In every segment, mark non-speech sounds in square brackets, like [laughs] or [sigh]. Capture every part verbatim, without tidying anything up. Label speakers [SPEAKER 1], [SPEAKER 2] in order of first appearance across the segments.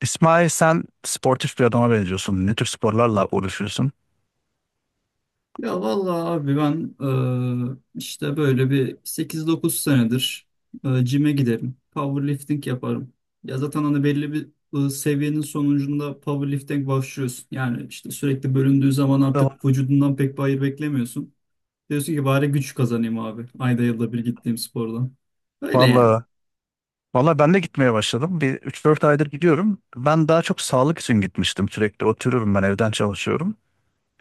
[SPEAKER 1] İsmail, sen sportif bir adama benziyorsun. Ne tür sporlarla uğraşıyorsun?
[SPEAKER 2] Ya vallahi abi ben eee, işte böyle bir sekiz dokuz senedir eee, cime giderim. Powerlifting yaparım. Ya zaten hani belli bir eee, seviyenin sonucunda powerlifting başlıyorsun. Yani işte sürekli bölündüğü zaman artık vücudundan pek bir hayır beklemiyorsun. Diyorsun ki bari güç kazanayım abi. Ayda yılda bir gittiğim spordan. Öyle yani.
[SPEAKER 1] Valla, valla ben de gitmeye başladım. Bir üç dört aydır gidiyorum. Ben daha çok sağlık için gitmiştim sürekli. Oturuyorum, ben evden çalışıyorum.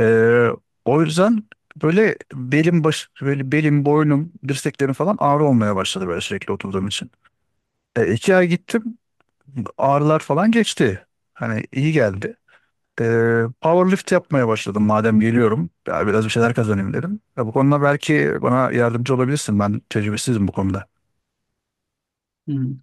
[SPEAKER 1] Ee, O yüzden böyle belim baş böyle belim, boynum, dirseklerim falan ağrı olmaya başladı böyle, sürekli oturduğum için. E, iki ay gittim, ağrılar falan geçti. Hani iyi geldi. Ee, powerlift yapmaya başladım madem geliyorum. Ya biraz bir şeyler kazanayım dedim. Ya bu konuda belki bana yardımcı olabilirsin. Ben tecrübesizim bu konuda.
[SPEAKER 2] Hmm.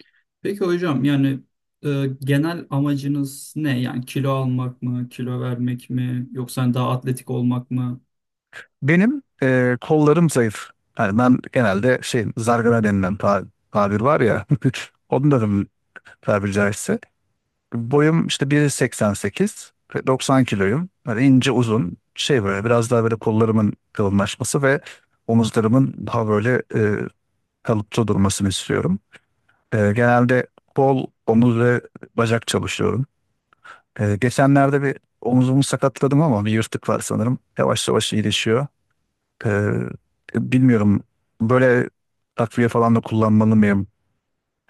[SPEAKER 2] Peki hocam yani e, genel amacınız ne? Yani kilo almak mı, kilo vermek mi, yoksa hani daha atletik olmak mı?
[SPEAKER 1] Benim e, kollarım zayıf. Yani ben genelde şey, zargana denilen ta- tabir var ya. [laughs] Onların, tabiri caizse. Boyum işte bir nokta seksen sekiz ve doksan kiloyum. Böyle ince uzun şey, böyle biraz daha böyle kollarımın kalınlaşması ve omuzlarımın daha böyle e, kalıpçı durmasını istiyorum. E, genelde kol, omuz ve bacak çalışıyorum. E, geçenlerde bir omuzumu sakatladım, ama bir yırtık var sanırım. Yavaş yavaş iyileşiyor. E, Bilmiyorum, böyle takviye falan da kullanmalı mıyım?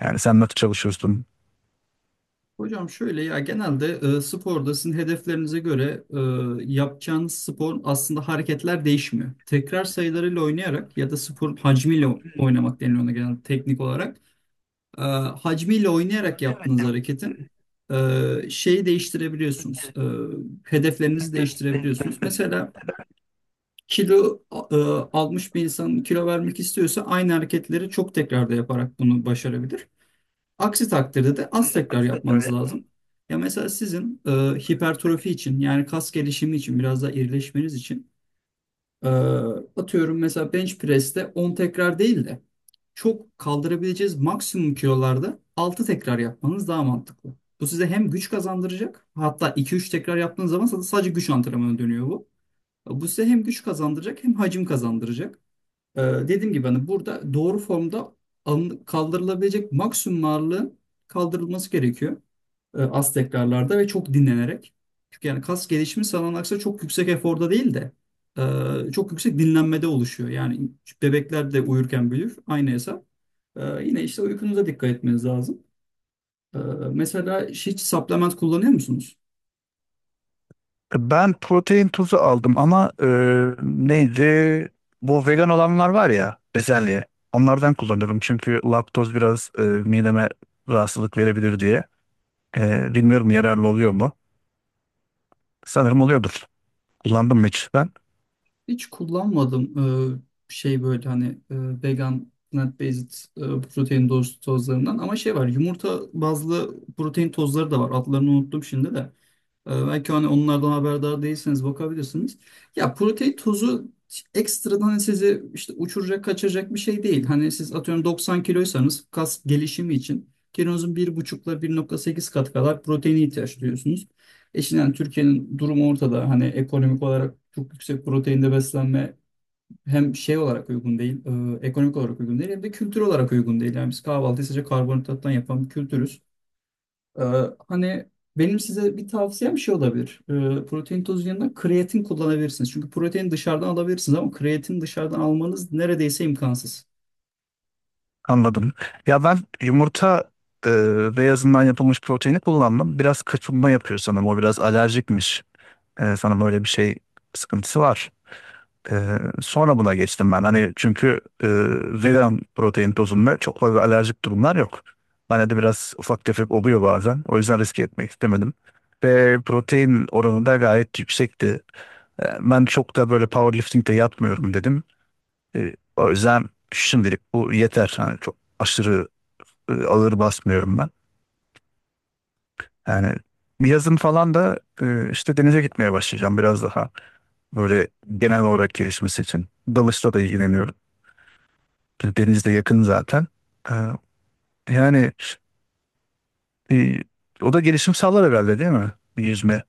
[SPEAKER 1] Yani sen nasıl çalışıyorsun?
[SPEAKER 2] Hocam şöyle ya genelde e, sporda sizin hedeflerinize göre e, yapacağınız spor aslında hareketler değişmiyor. Tekrar sayılarıyla oynayarak ya da spor hacmiyle o- oynamak deniliyor ona genelde teknik olarak. E, Hacmiyle oynayarak yaptığınız hareketin e, şeyi değiştirebiliyorsunuz. E, hedeflerinizi değiştirebiliyorsunuz. Mesela kilo e, almış bir insan kilo vermek istiyorsa aynı hareketleri çok tekrarda yaparak bunu başarabilir. Aksi takdirde de az tekrar yapmanız lazım. Ya mesela sizin e, hipertrofi için yani kas gelişimi için biraz daha irileşmeniz için e, atıyorum mesela bench press'te on tekrar değil de çok kaldırabileceğiz maksimum kilolarda altı tekrar yapmanız daha mantıklı. Bu size hem güç kazandıracak, hatta iki üç tekrar yaptığınız zaman sadece güç antrenmanı dönüyor bu. Bu size hem güç kazandıracak hem hacim kazandıracak. Ee, dediğim gibi hani burada doğru formda alın- kaldırılabilecek maksimum ağırlığın kaldırılması gerekiyor, e, az tekrarlarda ve çok dinlenerek. Çünkü yani kas gelişimi sanılan aksine çok yüksek eforda değil de e, çok yüksek dinlenmede oluşuyor. Yani bebekler de uyurken büyür, aynı hesap. E, yine işte uykunuza dikkat etmeniz lazım. E, Mesela hiç supplement kullanıyor musunuz?
[SPEAKER 1] Ben protein tozu aldım ama e, neydi? Bu vegan olanlar var ya, bezelye. Onlardan kullanıyorum çünkü laktoz biraz e, mideme rahatsızlık verebilir diye. E, bilmiyorum, yararlı oluyor mu? Sanırım oluyordur. Kullandım mı hiç ben?
[SPEAKER 2] Hiç kullanmadım e, şey böyle hani e, vegan plant based e, protein toz, tozlarından, ama şey var, yumurta bazlı protein tozları da var. Adlarını unuttum şimdi de. ee, Belki hani onlardan haberdar değilseniz bakabilirsiniz. Ya protein tozu ekstradan hani sizi işte uçuracak, kaçıracak bir şey değil. Hani siz atıyorum doksan kiloysanız kas gelişimi için kilonuzun bir buçuk ile bir nokta sekiz kat kadar proteine ihtiyaç duyuyorsunuz. E şimdi yani Türkiye'nin durumu ortada. Hani ekonomik olarak çok yüksek proteinde beslenme hem şey olarak uygun değil, e, ekonomik olarak uygun değil, hem de kültür olarak uygun değil. Yani biz kahvaltıyı sadece karbonhidrattan yapan bir kültürüz. Ee, Hani benim size bir tavsiyem şey olabilir. Ee, protein tozu yanında kreatin kullanabilirsiniz. Çünkü protein dışarıdan alabilirsiniz ama kreatin dışarıdan almanız neredeyse imkansız.
[SPEAKER 1] Anladım. Ya ben yumurta e, beyazından yapılmış proteini kullandım. Biraz kaçınma yapıyor sanırım. O biraz alerjikmiş. E, sanırım öyle bir şey sıkıntısı var. E, Sonra buna geçtim ben. Hani çünkü e, vegan protein tozunda çok fazla alerjik durumlar yok. Bana de biraz ufak tefek oluyor bazen. O yüzden riske etmek istemedim. Ve protein oranı da gayet yüksekti. E, ben çok da böyle powerlifting de yapmıyorum dedim. E, o yüzden şimdilik bu yeter. Hani çok aşırı e, ağır basmıyorum ben. Yani yazın falan da e, işte denize gitmeye başlayacağım biraz daha. Böyle genel olarak gelişmesi için. Dalışla da ilgileniyorum. Deniz de yakın zaten. E, yani e, o da gelişim sağlar herhalde, değil mi? Bir yüzme.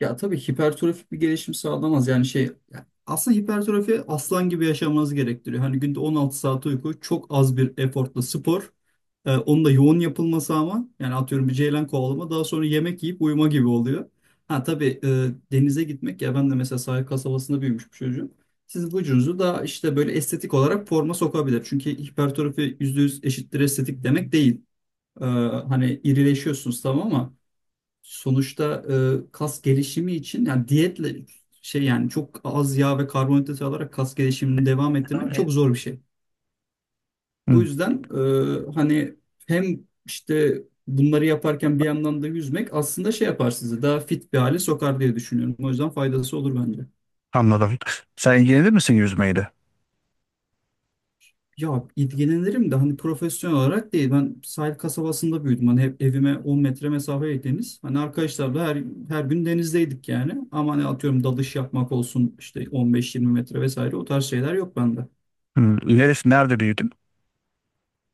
[SPEAKER 2] Ya tabii hipertrofik bir gelişim sağlamaz. Yani şey, yani aslında hipertrofi aslan gibi yaşamanızı gerektiriyor. Hani günde on altı saat uyku, çok az bir efortla spor. Ee, onun da yoğun yapılması, ama yani atıyorum bir ceylan kovalama daha sonra yemek yiyip uyuma gibi oluyor. Ha tabii e, denize gitmek, ya ben de mesela sahil kasabasında büyümüş bir çocuğum. Siz vücudunuzu daha işte böyle estetik olarak forma sokabilir. Çünkü hipertrofi yüzde yüz eşittir estetik demek değil. Ee, Hani irileşiyorsunuz tamam ama sonuçta e, kas gelişimi için, yani diyetle şey yani çok az yağ ve karbonhidrat alarak kas gelişimini devam ettirmek çok zor bir şey. Bu
[SPEAKER 1] Hı,
[SPEAKER 2] yüzden e, hani hem işte bunları yaparken bir yandan da yüzmek aslında şey yapar, sizi daha fit bir hale sokar diye düşünüyorum. O yüzden faydası olur bence.
[SPEAKER 1] anladım. Sen ilgilenir misin yüzmeyle?
[SPEAKER 2] Ya ilgilenirim de hani profesyonel olarak değil. Ben sahil kasabasında büyüdüm. Hani hep evime on metre mesafe deniz. Hani arkadaşlarla her her gün denizdeydik yani. Ama hani atıyorum dalış yapmak olsun işte on beş yirmi metre vesaire, o tarz şeyler yok bende.
[SPEAKER 1] Hı, neresi, nerede büyüdün?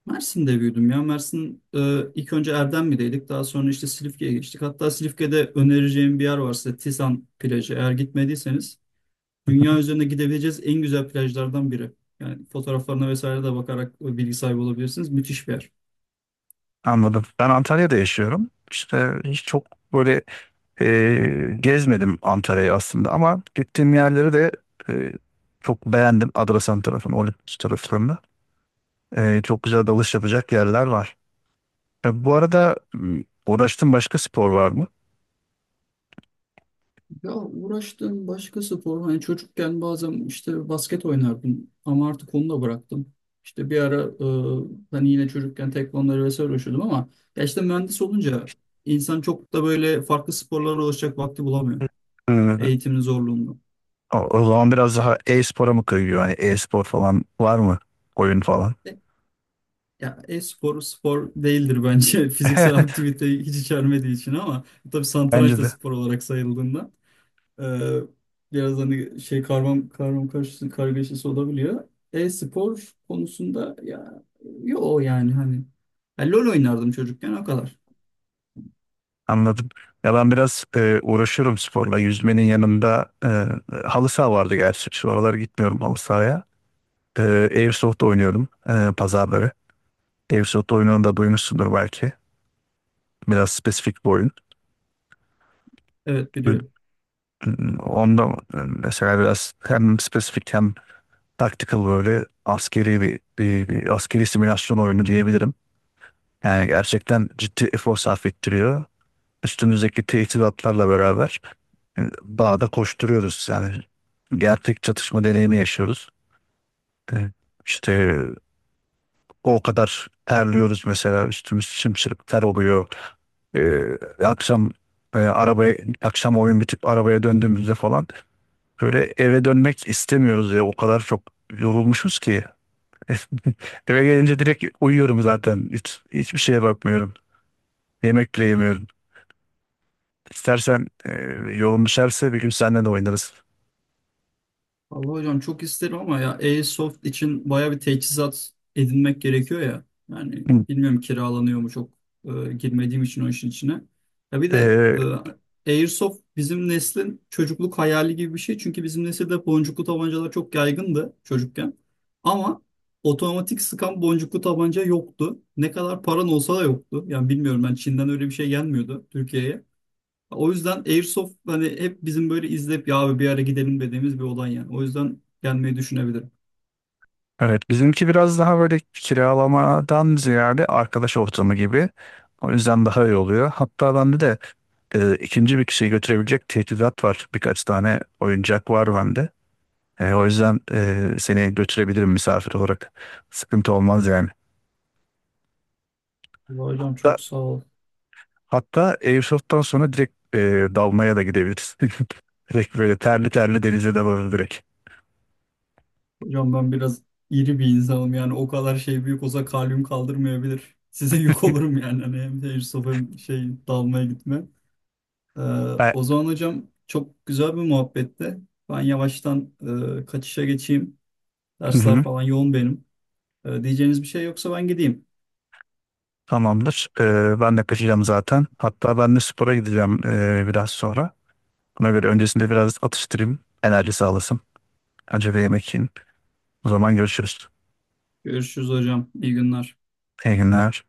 [SPEAKER 2] Mersin'de büyüdüm ya. Mersin e, ilk önce Erdemli'deydik. Daha sonra işte Silifke'ye geçtik. Hatta Silifke'de önereceğim bir yer var size. Tisan plajı. Eğer gitmediyseniz, dünya
[SPEAKER 1] [laughs]
[SPEAKER 2] üzerinde gidebileceğiz en güzel plajlardan biri. Yani fotoğraflarına vesaire de bakarak bilgi sahibi olabilirsiniz. Müthiş bir yer.
[SPEAKER 1] Anladım. Ben Antalya'da yaşıyorum. İşte hiç çok böyle e, gezmedim Antalya'yı aslında, ama gittiğim yerleri de e, çok beğendim. Adrasan tarafını, Olimpos taraflarını. E, çok güzel dalış yapacak yerler var. E, bu arada m, uğraştığın başka spor var mı?
[SPEAKER 2] Ya uğraştığım başka spor, hani çocukken bazen işte basket oynardım ama artık onu da bıraktım. İşte bir ara e, hani yine çocukken tekvandoyla vesaire uğraşıyordum ama ya işte mühendis olunca insan çok da böyle farklı sporlara ulaşacak vakti bulamıyor
[SPEAKER 1] Hı.
[SPEAKER 2] eğitimin zorluğunda.
[SPEAKER 1] O, o zaman biraz daha e-spora mı kayıyor? Hani e-spor falan var mı? Oyun falan.
[SPEAKER 2] E, Ya e-spor spor değildir bence [laughs] fiziksel
[SPEAKER 1] [laughs]
[SPEAKER 2] aktivite hiç içermediği için, ama tabii satranç
[SPEAKER 1] Bence
[SPEAKER 2] da
[SPEAKER 1] de.
[SPEAKER 2] spor olarak sayıldığında. Ee, Biraz hani şey karmam karmam karışısı kargaşası olabiliyor e-spor konusunda. Ya yo yani hani ya LoL oynardım çocukken, o kadar.
[SPEAKER 1] Anladım. Ya ben biraz e, uğraşıyorum sporla. Yüzmenin yanında e, halı saha vardı gerçi. Şu aralar gitmiyorum halı sahaya. E, Airsoft oynuyorum, e, pazarları. Airsoft oyununu da duymuşsundur belki. Biraz spesifik bir oyun.
[SPEAKER 2] Evet,
[SPEAKER 1] Ü-
[SPEAKER 2] biliyorum.
[SPEAKER 1] Onda e, mesela biraz hem spesifik hem tactical, böyle askeri bir, bir, bir askeri simülasyon oyunu diyebilirim. Yani gerçekten ciddi efor sarf ettiriyor. Üstünüzdeki teçhizatlarla beraber bağda koşturuyoruz yani. Gerçek çatışma deneyimi yaşıyoruz. E, İşte o kadar terliyoruz mesela, üstümüz sımsıkı ter oluyor. E, akşam e, arabaya, akşam oyun bitip arabaya döndüğümüzde falan böyle eve dönmek istemiyoruz ya, o kadar çok yorulmuşuz ki. [laughs] Eve gelince direkt uyuyorum zaten. Hiç, hiçbir şeye bakmıyorum. Yemek bile yemiyorum. İstersen e, yolun düşerse bir gün seninle de oynarız.
[SPEAKER 2] Vallahi hocam çok isterim ama ya Airsoft için baya bir teçhizat edinmek gerekiyor ya. Yani
[SPEAKER 1] Hı.
[SPEAKER 2] bilmiyorum kiralanıyor mu, çok e, girmediğim için o işin içine. Ya bir de
[SPEAKER 1] E,
[SPEAKER 2] e, Airsoft bizim neslin çocukluk hayali gibi bir şey. Çünkü bizim nesilde boncuklu tabancalar çok yaygındı çocukken. Ama otomatik sıkan boncuklu tabanca yoktu. Ne kadar paran olsa da yoktu. Yani bilmiyorum, ben Çin'den öyle bir şey gelmiyordu Türkiye'ye. O yüzden Airsoft hani hep bizim böyle izleyip ya abi bir ara gidelim dediğimiz bir olay yani. O yüzden gelmeyi düşünebilirim.
[SPEAKER 1] Evet, bizimki biraz daha böyle kiralamadan ziyade arkadaş ortamı gibi. O yüzden daha iyi oluyor. Hatta bende de e, ikinci bir kişiyi götürebilecek teçhizat var. Birkaç tane oyuncak var bende. E, o yüzden e, seni götürebilirim misafir olarak. Sıkıntı olmaz yani.
[SPEAKER 2] Vallahi hocam
[SPEAKER 1] Hatta,
[SPEAKER 2] çok sağ ol.
[SPEAKER 1] hatta Airsoft'tan sonra direkt e, dalmaya da gidebiliriz. [laughs] Direkt böyle terli terli denize de varır direkt.
[SPEAKER 2] Hocam ben biraz iri bir insanım, yani o kadar şey büyük olsa kalbim kaldırmayabilir. Size yük
[SPEAKER 1] [laughs]
[SPEAKER 2] olurum yani hani, hem Airsoft hem şey dalmaya gitme. Ee,
[SPEAKER 1] Ben,
[SPEAKER 2] O zaman hocam çok güzel bir muhabbetti. Ben yavaştan e, kaçışa geçeyim.
[SPEAKER 1] hı
[SPEAKER 2] Dersler
[SPEAKER 1] hı,
[SPEAKER 2] falan yoğun benim. Ee, diyeceğiniz bir şey yoksa ben gideyim.
[SPEAKER 1] tamamdır. E, ben de kaçacağım zaten. Hatta ben de spora gideceğim, e, biraz sonra. Ona göre öncesinde biraz atıştırayım. Enerji sağlasın. Acaba yemek yiyin. O zaman görüşürüz.
[SPEAKER 2] Görüşürüz hocam. İyi günler.
[SPEAKER 1] İyi günler.